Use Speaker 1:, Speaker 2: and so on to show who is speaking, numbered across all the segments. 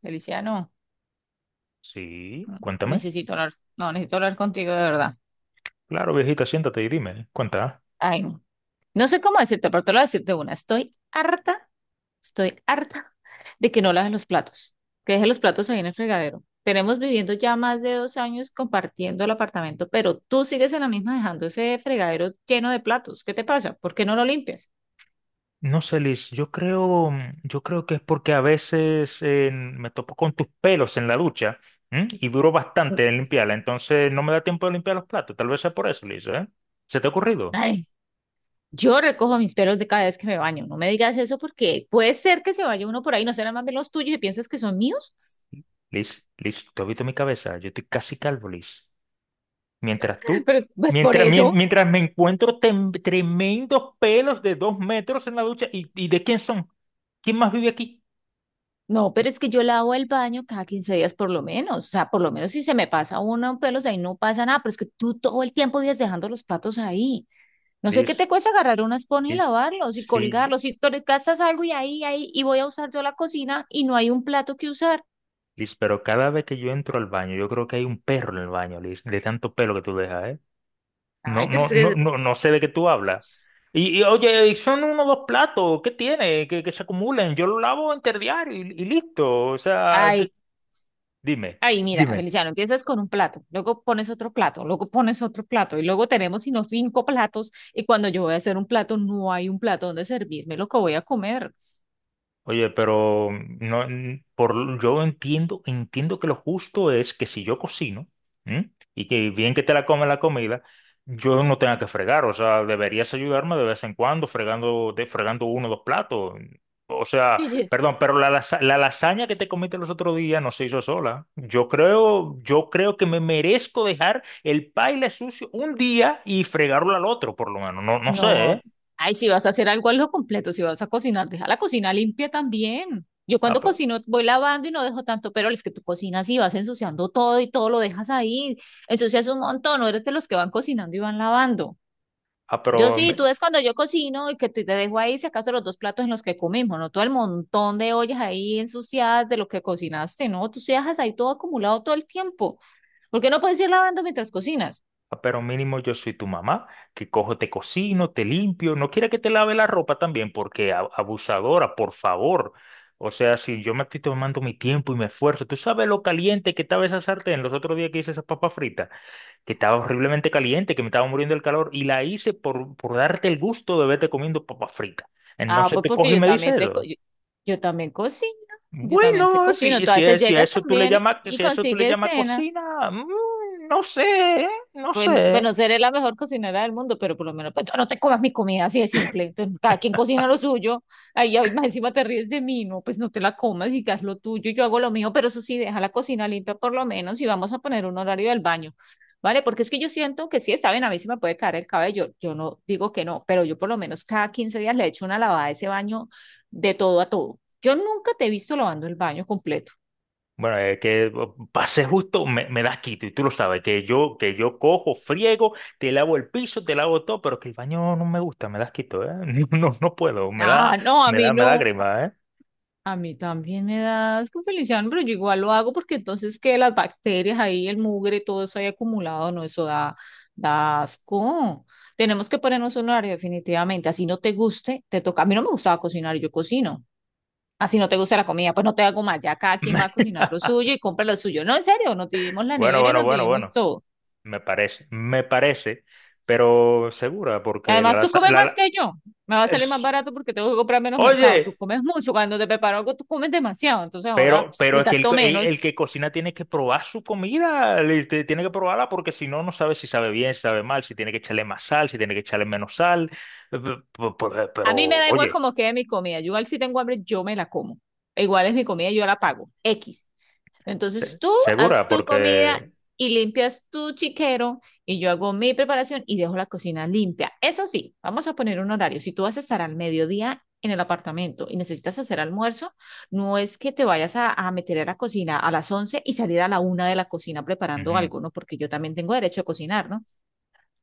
Speaker 1: Feliciano,
Speaker 2: Sí, cuéntame.
Speaker 1: necesito hablar, no, necesito hablar contigo de verdad.
Speaker 2: Claro, viejita, siéntate y dime, cuenta.
Speaker 1: Ay, no. No sé cómo decirte, pero te lo voy a decirte una. Estoy harta de que no laves los platos, que dejes los platos ahí en el fregadero. Tenemos viviendo ya más de 2 años compartiendo el apartamento, pero tú sigues en la misma dejando ese fregadero lleno de platos. ¿Qué te pasa? ¿Por qué no lo limpias?
Speaker 2: No sé, Liz, yo creo que es porque a veces me topo con tus pelos en la ducha, ¿m? Y duro bastante en limpiarla, entonces no me da tiempo de limpiar los platos. Tal vez sea por eso, Liz, ¿eh? ¿Se te ha ocurrido?
Speaker 1: Ay, yo recojo mis pelos de cada vez que me baño. No me digas eso porque puede ser que se vaya uno por ahí, no serán más bien los tuyos y piensas que son míos.
Speaker 2: Liz, tú has visto mi cabeza, yo estoy casi calvo, Liz. Mientras tú,
Speaker 1: Pero pues por
Speaker 2: mientras, mien-
Speaker 1: eso.
Speaker 2: mientras me encuentro tremendos pelos de 2 metros en la ducha, ¿y de quién son? ¿Quién más vive aquí?
Speaker 1: No, pero es que yo lavo el baño cada 15 días por lo menos. O sea, por lo menos si se me pasa uno pelos ahí no pasa nada, pero es que tú todo el tiempo vives dejando los platos ahí. No sé qué
Speaker 2: Liz,
Speaker 1: te cuesta agarrar una esponja y
Speaker 2: Liz.
Speaker 1: lavarlos y
Speaker 2: Sí,
Speaker 1: colgarlos. Y tú le gastas algo y ahí, y voy a usar yo la cocina y no hay un plato que usar.
Speaker 2: Liz, pero cada vez que yo entro al baño, yo creo que hay un perro en el baño, Liz, de tanto pelo que tú dejas, ¿eh? No,
Speaker 1: Ay, pero es
Speaker 2: no, no,
Speaker 1: que,
Speaker 2: no, no sé de qué tú hablas. Oye, y son uno o dos platos, ¿qué tiene? Que se acumulen, yo lo lavo interdiario y listo. O sea,
Speaker 1: ay,
Speaker 2: ¿qué? Dime,
Speaker 1: ay, mira,
Speaker 2: dime.
Speaker 1: Feliciano, empiezas con un plato, luego pones otro plato, luego pones otro plato y luego tenemos sino cinco platos y cuando yo voy a hacer un plato no hay un plato donde servirme lo que voy a comer.
Speaker 2: Oye, pero no, yo entiendo que lo justo es que si yo cocino, ¿m? Y que bien que te la come la comida, yo no tenga que fregar. O sea, deberías ayudarme de vez en cuando fregando, fregando uno o dos platos. O sea, perdón, pero la lasaña que te comiste los otros días no se hizo sola. Yo creo que me merezco dejar el paila sucio un día y fregarlo al otro, por lo menos. No, no sé,
Speaker 1: No,
Speaker 2: ¿eh?
Speaker 1: ay, si vas a hacer algo, lo completo. Si vas a cocinar, deja la cocina limpia también. Yo
Speaker 2: Ah,
Speaker 1: cuando
Speaker 2: pe-
Speaker 1: cocino voy lavando y no dejo tanto, pero es que tú cocinas y vas ensuciando todo y todo lo dejas ahí. Ensucias un montón, no eres de los que van cocinando y van lavando.
Speaker 2: ah,
Speaker 1: Yo
Speaker 2: pero,
Speaker 1: sí, tú
Speaker 2: me-
Speaker 1: ves cuando yo cocino y que te dejo ahí, si acaso los dos platos en los que comimos, no todo el montón de ollas ahí ensuciadas de lo que cocinaste, no, tú se dejas ahí todo acumulado todo el tiempo. ¿Por qué no puedes ir lavando mientras cocinas?
Speaker 2: Ah, pero mínimo yo soy tu mamá, que cojo, te cocino, te limpio. No quiere que te lave la ropa también, porque abusadora, por favor. O sea, si yo me estoy tomando mi tiempo y mi esfuerzo, tú sabes lo caliente que estaba esa sartén los otros días que hice esas papas fritas, que estaba horriblemente caliente, que me estaba muriendo el calor, y la hice por darte el gusto de verte comiendo papas fritas.
Speaker 1: Ah,
Speaker 2: Entonces
Speaker 1: pues
Speaker 2: te
Speaker 1: porque
Speaker 2: coge y
Speaker 1: yo
Speaker 2: me dice
Speaker 1: también te, co-
Speaker 2: eso.
Speaker 1: yo, yo también cocino, yo también te
Speaker 2: Bueno,
Speaker 1: cocino. Tú a veces
Speaker 2: si a
Speaker 1: llegas
Speaker 2: eso tú le
Speaker 1: también y,
Speaker 2: llamas,
Speaker 1: y
Speaker 2: si a eso tú le
Speaker 1: consigues
Speaker 2: llamas
Speaker 1: cena.
Speaker 2: cocina, no sé, ¿eh? No
Speaker 1: Bueno,
Speaker 2: sé.
Speaker 1: bueno, seré la mejor cocinera del mundo, pero por lo menos pues, tú no te comas mi comida así de simple. Entonces, cada quien cocina lo suyo. Ahí hoy más encima te ríes de mí, no, pues no te la comas y haz lo tuyo, yo hago lo mío, pero eso sí, deja la cocina limpia por lo menos y vamos a poner un horario del baño. ¿Vale? Porque es que yo siento que sí, está bien, a mí se me puede caer el cabello. Yo no digo que no, pero yo por lo menos cada 15 días le echo una lavada a ese baño de todo a todo. Yo nunca te he visto lavando el baño completo.
Speaker 2: Bueno, que pase justo, me das quito y tú lo sabes, que yo cojo, friego, te lavo el piso, te lavo todo, pero que el baño no me gusta, me das quito, ¿eh? No, no no puedo, me da,
Speaker 1: Ah, no, a
Speaker 2: me
Speaker 1: mí
Speaker 2: da, me da
Speaker 1: no.
Speaker 2: grima, ¿eh?
Speaker 1: A mí también me da asco, Feliciano, pero yo igual lo hago porque entonces que las bacterias ahí, el mugre, todo eso ahí acumulado, no, eso da asco. Tenemos que ponernos un horario definitivamente. Así no te guste, te toca. A mí no me gustaba cocinar, yo cocino. Así no te gusta la comida, pues no te hago más. Ya cada quien va a cocinar lo suyo y compra lo suyo. No, en serio, nos dividimos la
Speaker 2: Bueno,
Speaker 1: nevera y
Speaker 2: bueno,
Speaker 1: nos
Speaker 2: bueno,
Speaker 1: dividimos
Speaker 2: bueno,
Speaker 1: todo.
Speaker 2: me parece, pero segura, porque la,
Speaker 1: Además, tú
Speaker 2: laza-
Speaker 1: comes
Speaker 2: la,
Speaker 1: más
Speaker 2: la-
Speaker 1: que yo. Me va a salir más
Speaker 2: es-
Speaker 1: barato porque tengo que comprar menos mercado. Tú
Speaker 2: oye,
Speaker 1: comes mucho. Cuando te preparo algo, tú comes demasiado. Entonces ahora
Speaker 2: Pero,
Speaker 1: pues,
Speaker 2: pero
Speaker 1: me
Speaker 2: es que el,
Speaker 1: gasto
Speaker 2: el- el
Speaker 1: menos.
Speaker 2: que cocina tiene que probar su comida, tiene que probarla porque si no, no sabe si sabe bien, si sabe mal, si tiene que echarle más sal, si tiene que echarle menos sal. Pero,
Speaker 1: A mí me da igual
Speaker 2: oye,
Speaker 1: como quede mi comida. Yo igual si tengo hambre, yo me la como. Igual es mi comida, yo la pago. X. Entonces tú haz
Speaker 2: segura,
Speaker 1: tu comida
Speaker 2: porque...
Speaker 1: y limpias tu chiquero y yo hago mi preparación y dejo la cocina limpia. Eso sí, vamos a poner un horario. Si tú vas a estar al mediodía en el apartamento y necesitas hacer almuerzo, no es que te vayas a meter a la cocina a las 11 y salir a la 1 de la cocina preparando
Speaker 2: Ujú.
Speaker 1: algo, ¿no? Porque yo también tengo derecho a cocinar, ¿no?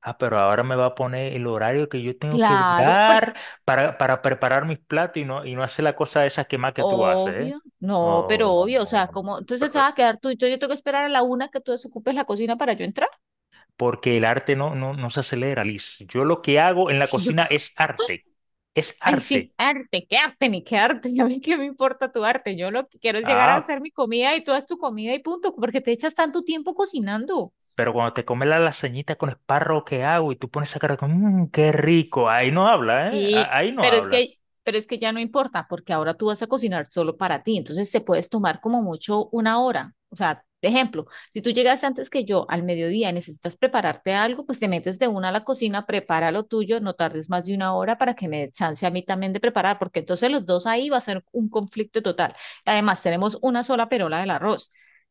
Speaker 2: Ah, pero ahora me va a poner el horario que yo tengo que
Speaker 1: Claro.
Speaker 2: durar para preparar mis platos y no hacer la cosa esa que más que tú haces, ¿eh?
Speaker 1: Obvio, no,
Speaker 2: Oh,
Speaker 1: pero
Speaker 2: no,
Speaker 1: obvio, o
Speaker 2: no,
Speaker 1: sea,
Speaker 2: no. No,
Speaker 1: como, entonces
Speaker 2: pero,
Speaker 1: se va a quedar tú y yo tengo que esperar a la 1 que tú desocupes la cocina para yo entrar.
Speaker 2: porque el arte no se acelera, Liz. Yo lo que hago en la
Speaker 1: Sí, yo,
Speaker 2: cocina
Speaker 1: ca-
Speaker 2: es arte, es
Speaker 1: ay,
Speaker 2: arte.
Speaker 1: sí, arte, qué arte, ni qué arte, ya a mí qué me importa tu arte, yo lo que quiero es llegar a
Speaker 2: Ah,
Speaker 1: hacer mi comida y tú haz tu comida y punto, porque te echas tanto tiempo cocinando.
Speaker 2: pero cuando te comes la lasañita con espárrago que hago y tú pones esa cara como, "Mm, qué rico", ahí no habla, ¿eh?
Speaker 1: Sí,
Speaker 2: A- Ahí no habla.
Speaker 1: pero es que ya no importa, porque ahora tú vas a cocinar solo para ti, entonces te puedes tomar como mucho una hora. O sea, de ejemplo, si tú llegas antes que yo al mediodía y necesitas prepararte algo, pues te metes de una a la cocina, prepara lo tuyo, no tardes más de una hora para que me dé chance a mí también de preparar, porque entonces los dos ahí va a ser un conflicto total. Además, tenemos una sola perola del arroz.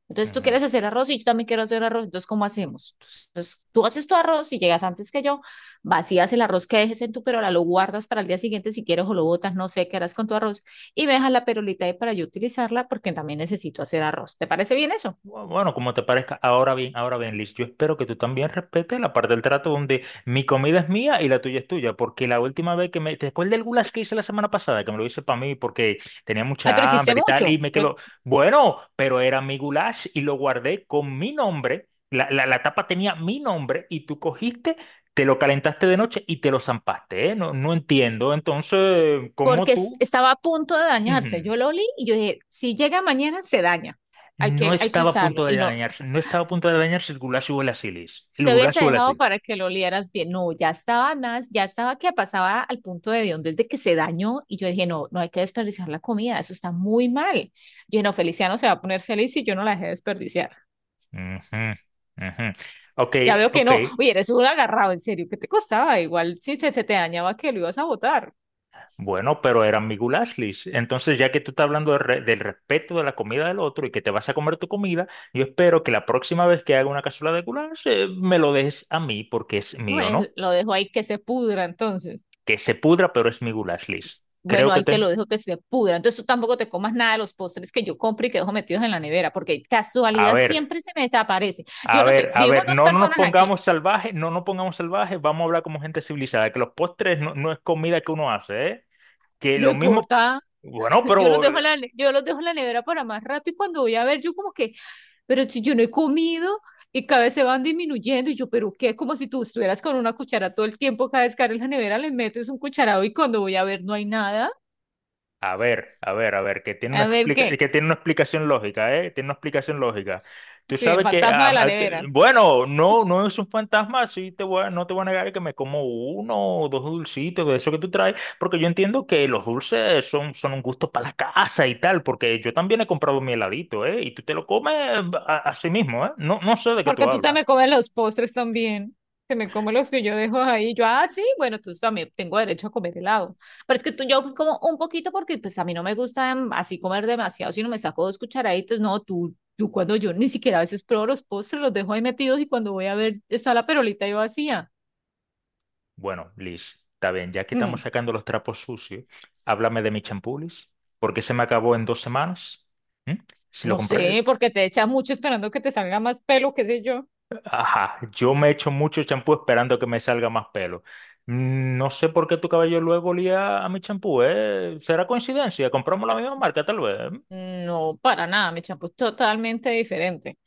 Speaker 1: Entonces tú
Speaker 2: Ujú.
Speaker 1: quieres hacer arroz y yo también quiero hacer arroz, entonces ¿cómo hacemos? Entonces tú haces tu arroz y llegas antes que yo vacías el arroz que dejes en tu perola, lo guardas para el día siguiente si quieres o lo botas, no sé qué harás con tu arroz y me dejas la perolita ahí para yo utilizarla porque también necesito hacer arroz. ¿Te parece bien eso?
Speaker 2: Bueno, como te parezca, ahora bien, Liz, yo espero que tú también respetes la parte del trato donde mi comida es mía y la tuya es tuya, porque la última vez que me, después del goulash que hice la semana pasada, que me lo hice para mí porque tenía
Speaker 1: Ay, pero
Speaker 2: mucha
Speaker 1: hiciste
Speaker 2: hambre y tal,
Speaker 1: mucho,
Speaker 2: y me quedó, bueno, pero era mi goulash y lo guardé con mi nombre, la tapa tenía mi nombre y tú cogiste, te lo calentaste de noche y te lo zampaste, ¿eh? No, no entiendo, entonces, ¿cómo
Speaker 1: porque
Speaker 2: tú?
Speaker 1: estaba a punto de dañarse.
Speaker 2: Ujú.
Speaker 1: Yo lo olí y yo dije, si llega mañana se daña, hay
Speaker 2: No
Speaker 1: que, hay que
Speaker 2: estaba a
Speaker 1: usarlo
Speaker 2: punto de
Speaker 1: y no.
Speaker 2: dañarse, no estaba a punto de dañarse el Gulasio o el Asilis. El
Speaker 1: Te hubiese
Speaker 2: Gulasio o el
Speaker 1: dejado
Speaker 2: Asilis.
Speaker 1: para que lo olieras bien. No, ya estaba más, ya estaba que pasaba al punto de donde de que se dañó y yo dije, no, no hay que desperdiciar la comida, eso está muy mal. Yo dije, no, Feliciano se va a poner feliz si yo no la dejé desperdiciar.
Speaker 2: Ujú, ujú. Ok,
Speaker 1: Ya veo que
Speaker 2: ok.
Speaker 1: no. Oye, eres un agarrado, en serio, ¿qué te costaba? Igual si se te dañaba que lo ibas a botar.
Speaker 2: Bueno, pero eran mi Gulaslis. Entonces, ya que tú estás hablando de del respeto de la comida del otro y que te vas a comer tu comida, yo espero que la próxima vez que haga una cazuela de goulash, me lo dejes a mí porque es mío, ¿no?
Speaker 1: Pues lo dejo ahí que se pudra entonces.
Speaker 2: Que se pudra, pero es mi Gulaslis. Creo
Speaker 1: Bueno,
Speaker 2: que
Speaker 1: ahí te
Speaker 2: te...
Speaker 1: lo dejo que se pudra. Entonces tú tampoco te comas nada de los postres que yo compro y que dejo metidos en la nevera, porque
Speaker 2: A
Speaker 1: casualidad
Speaker 2: ver.
Speaker 1: siempre se me desaparece. Yo
Speaker 2: A
Speaker 1: no
Speaker 2: ver,
Speaker 1: sé,
Speaker 2: a
Speaker 1: vivimos
Speaker 2: ver,
Speaker 1: dos
Speaker 2: no, no nos
Speaker 1: personas aquí.
Speaker 2: pongamos salvajes, no nos pongamos salvajes, vamos a hablar como gente civilizada, que los postres no, no es comida que uno hace, ¿eh? Que
Speaker 1: No
Speaker 2: lo mismo,
Speaker 1: importa,
Speaker 2: bueno, pero...
Speaker 1: yo los dejo en la nevera para más rato y cuando voy a ver, yo como que, pero si yo no he comido y cada vez se van disminuyendo y yo, pero qué, como si tú estuvieras con una cuchara todo el tiempo, cada vez que abres la nevera le metes un cucharado y cuando voy a ver no hay nada.
Speaker 2: A ver, a ver, a ver, que tiene una
Speaker 1: A ver qué,
Speaker 2: que tiene una explicación lógica, ¿eh? Tiene una explicación lógica. Tú
Speaker 1: sí, el
Speaker 2: sabes que,
Speaker 1: fantasma de la nevera,
Speaker 2: bueno, no, no es un fantasma, no te voy a negar que me como uno o dos dulcitos de eso que tú traes, porque yo entiendo que los dulces son un gusto para la casa y tal, porque yo también he comprado mi heladito, ¿eh? Y tú te lo comes a sí mismo, ¿eh? No, no sé de qué tú
Speaker 1: porque tú
Speaker 2: hablas.
Speaker 1: también comes los postres también. Te me come los que yo dejo ahí. Ah, sí, bueno, tú también tengo derecho a comer helado. Pero es que tú, yo como un poquito porque pues a mí no me gusta así comer demasiado, sino me saco dos cucharaditas. No, tú cuando yo ni siquiera a veces pruebo los postres, los dejo ahí metidos y cuando voy a ver está la perolita ahí vacía.
Speaker 2: Bueno, Liz, está bien, ya que estamos
Speaker 1: Mm,
Speaker 2: sacando los trapos sucios, háblame de mi champú, Liz, porque se me acabó en 2 semanas. ¿Mm? Si lo
Speaker 1: no
Speaker 2: compré,
Speaker 1: sé, porque te echas mucho esperando que te salga más pelo, qué sé yo.
Speaker 2: ajá, yo me echo mucho champú esperando que me salga más pelo. No sé por qué tu cabello luego olía a mi champú, ¿eh? ¿Será coincidencia? ¿Compramos la misma marca, tal vez?
Speaker 1: No, para nada, mi champú es totalmente diferente.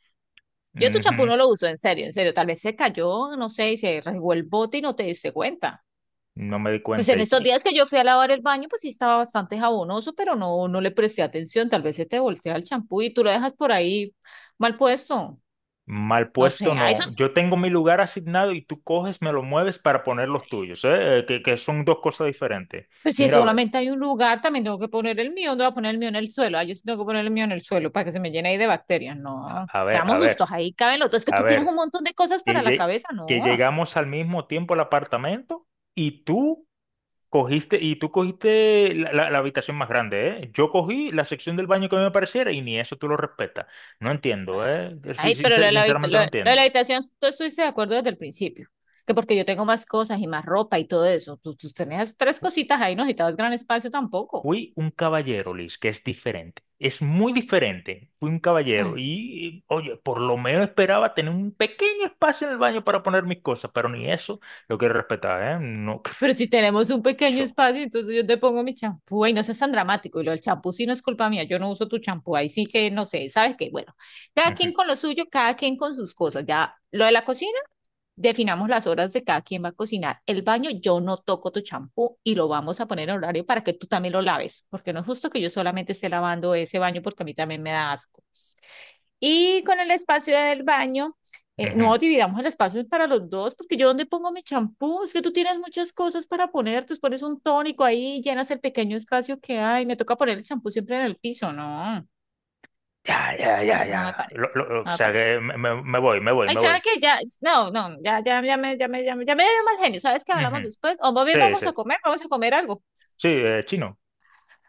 Speaker 1: Yo tu champú
Speaker 2: Ujú.
Speaker 1: no lo uso, en serio, en serio. Tal vez se cayó, no sé, y se rasgó el bote y no te diste cuenta.
Speaker 2: No me di
Speaker 1: Pues
Speaker 2: cuenta.
Speaker 1: en
Speaker 2: Y,
Speaker 1: estos
Speaker 2: y
Speaker 1: días que yo fui a lavar el baño, pues sí estaba bastante jabonoso, pero no, no le presté atención. Tal vez se te voltea el champú y tú lo dejas por ahí mal puesto.
Speaker 2: mal
Speaker 1: No
Speaker 2: puesto,
Speaker 1: sé, a eso,
Speaker 2: no. Yo tengo mi lugar asignado y tú coges, me lo mueves para poner los tuyos, ¿eh? Que son dos cosas diferentes.
Speaker 1: pues si
Speaker 2: Mira, a ver,
Speaker 1: solamente hay un lugar, también tengo que poner el mío, ¿dónde voy a poner el mío? ¿En el suelo? Ah, yo sí tengo que poner el mío en el suelo para que se me llene ahí de bacterias. No,
Speaker 2: a ver, a
Speaker 1: seamos
Speaker 2: ver.
Speaker 1: justos, ahí caben los dos. Es que
Speaker 2: A
Speaker 1: tú tienes un
Speaker 2: ver,
Speaker 1: montón de cosas
Speaker 2: que,
Speaker 1: para la cabeza, no.
Speaker 2: que llegamos al mismo tiempo al apartamento y tú cogiste, la habitación más grande, ¿eh? Yo cogí la sección del baño que a mí me pareciera y ni eso tú lo respetas. No entiendo, ¿eh? Sí,
Speaker 1: Ay, pero lo de la, habita-
Speaker 2: sinceramente
Speaker 1: lo
Speaker 2: no
Speaker 1: de lo de la
Speaker 2: entiendo.
Speaker 1: habitación, tú estuviste de acuerdo desde el principio. Que porque yo tengo más cosas y más ropa y todo eso. Tú tenías tres
Speaker 2: Fu-
Speaker 1: cositas ahí, no necesitabas gran espacio tampoco.
Speaker 2: Fui un caballero, Liz, que es diferente. Es muy diferente. Fui un caballero
Speaker 1: Ay,
Speaker 2: y, oye, por lo menos esperaba tener un pequeño espacio en el baño para poner mis cosas, pero ni eso lo quiero respetar, ¿eh? No,
Speaker 1: pero si tenemos un pequeño
Speaker 2: yo.
Speaker 1: espacio, entonces yo te pongo mi champú, y no seas tan dramático. Y lo del champú sí no es culpa mía, yo no uso tu champú, ahí sí que no sé, ¿sabes qué? Bueno, cada
Speaker 2: Ujú,
Speaker 1: quien con lo suyo, cada quien con sus cosas. Ya lo de la cocina, definamos las horas de cada quien va a cocinar. El baño, yo no toco tu champú y lo vamos a poner en horario para que tú también lo laves, porque no es justo que yo solamente esté lavando ese baño porque a mí también me da asco. Y con el espacio del baño,
Speaker 2: ujú.
Speaker 1: no dividamos el espacio para los dos, porque yo dónde pongo mi champú, es que tú tienes muchas cosas para poner, tú pones un tónico ahí, llenas el pequeño espacio que hay, me toca poner el champú siempre en el piso, no,
Speaker 2: Ya, ya,
Speaker 1: no,
Speaker 2: ya,
Speaker 1: no me
Speaker 2: ya.
Speaker 1: parece,
Speaker 2: O
Speaker 1: no me
Speaker 2: sea
Speaker 1: parece.
Speaker 2: que me voy, me voy,
Speaker 1: Ay,
Speaker 2: me
Speaker 1: ¿sabes
Speaker 2: voy.
Speaker 1: qué? Ya, no, no, ya, ya, ya me dio mal genio, ¿sabes qué hablamos
Speaker 2: Ujú.
Speaker 1: después? O más bien
Speaker 2: Sí, sí.
Speaker 1: vamos a comer algo.
Speaker 2: Sí, chino.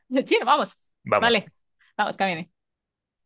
Speaker 1: Sí, vamos,
Speaker 2: Vamos.
Speaker 1: vale, vamos, camine.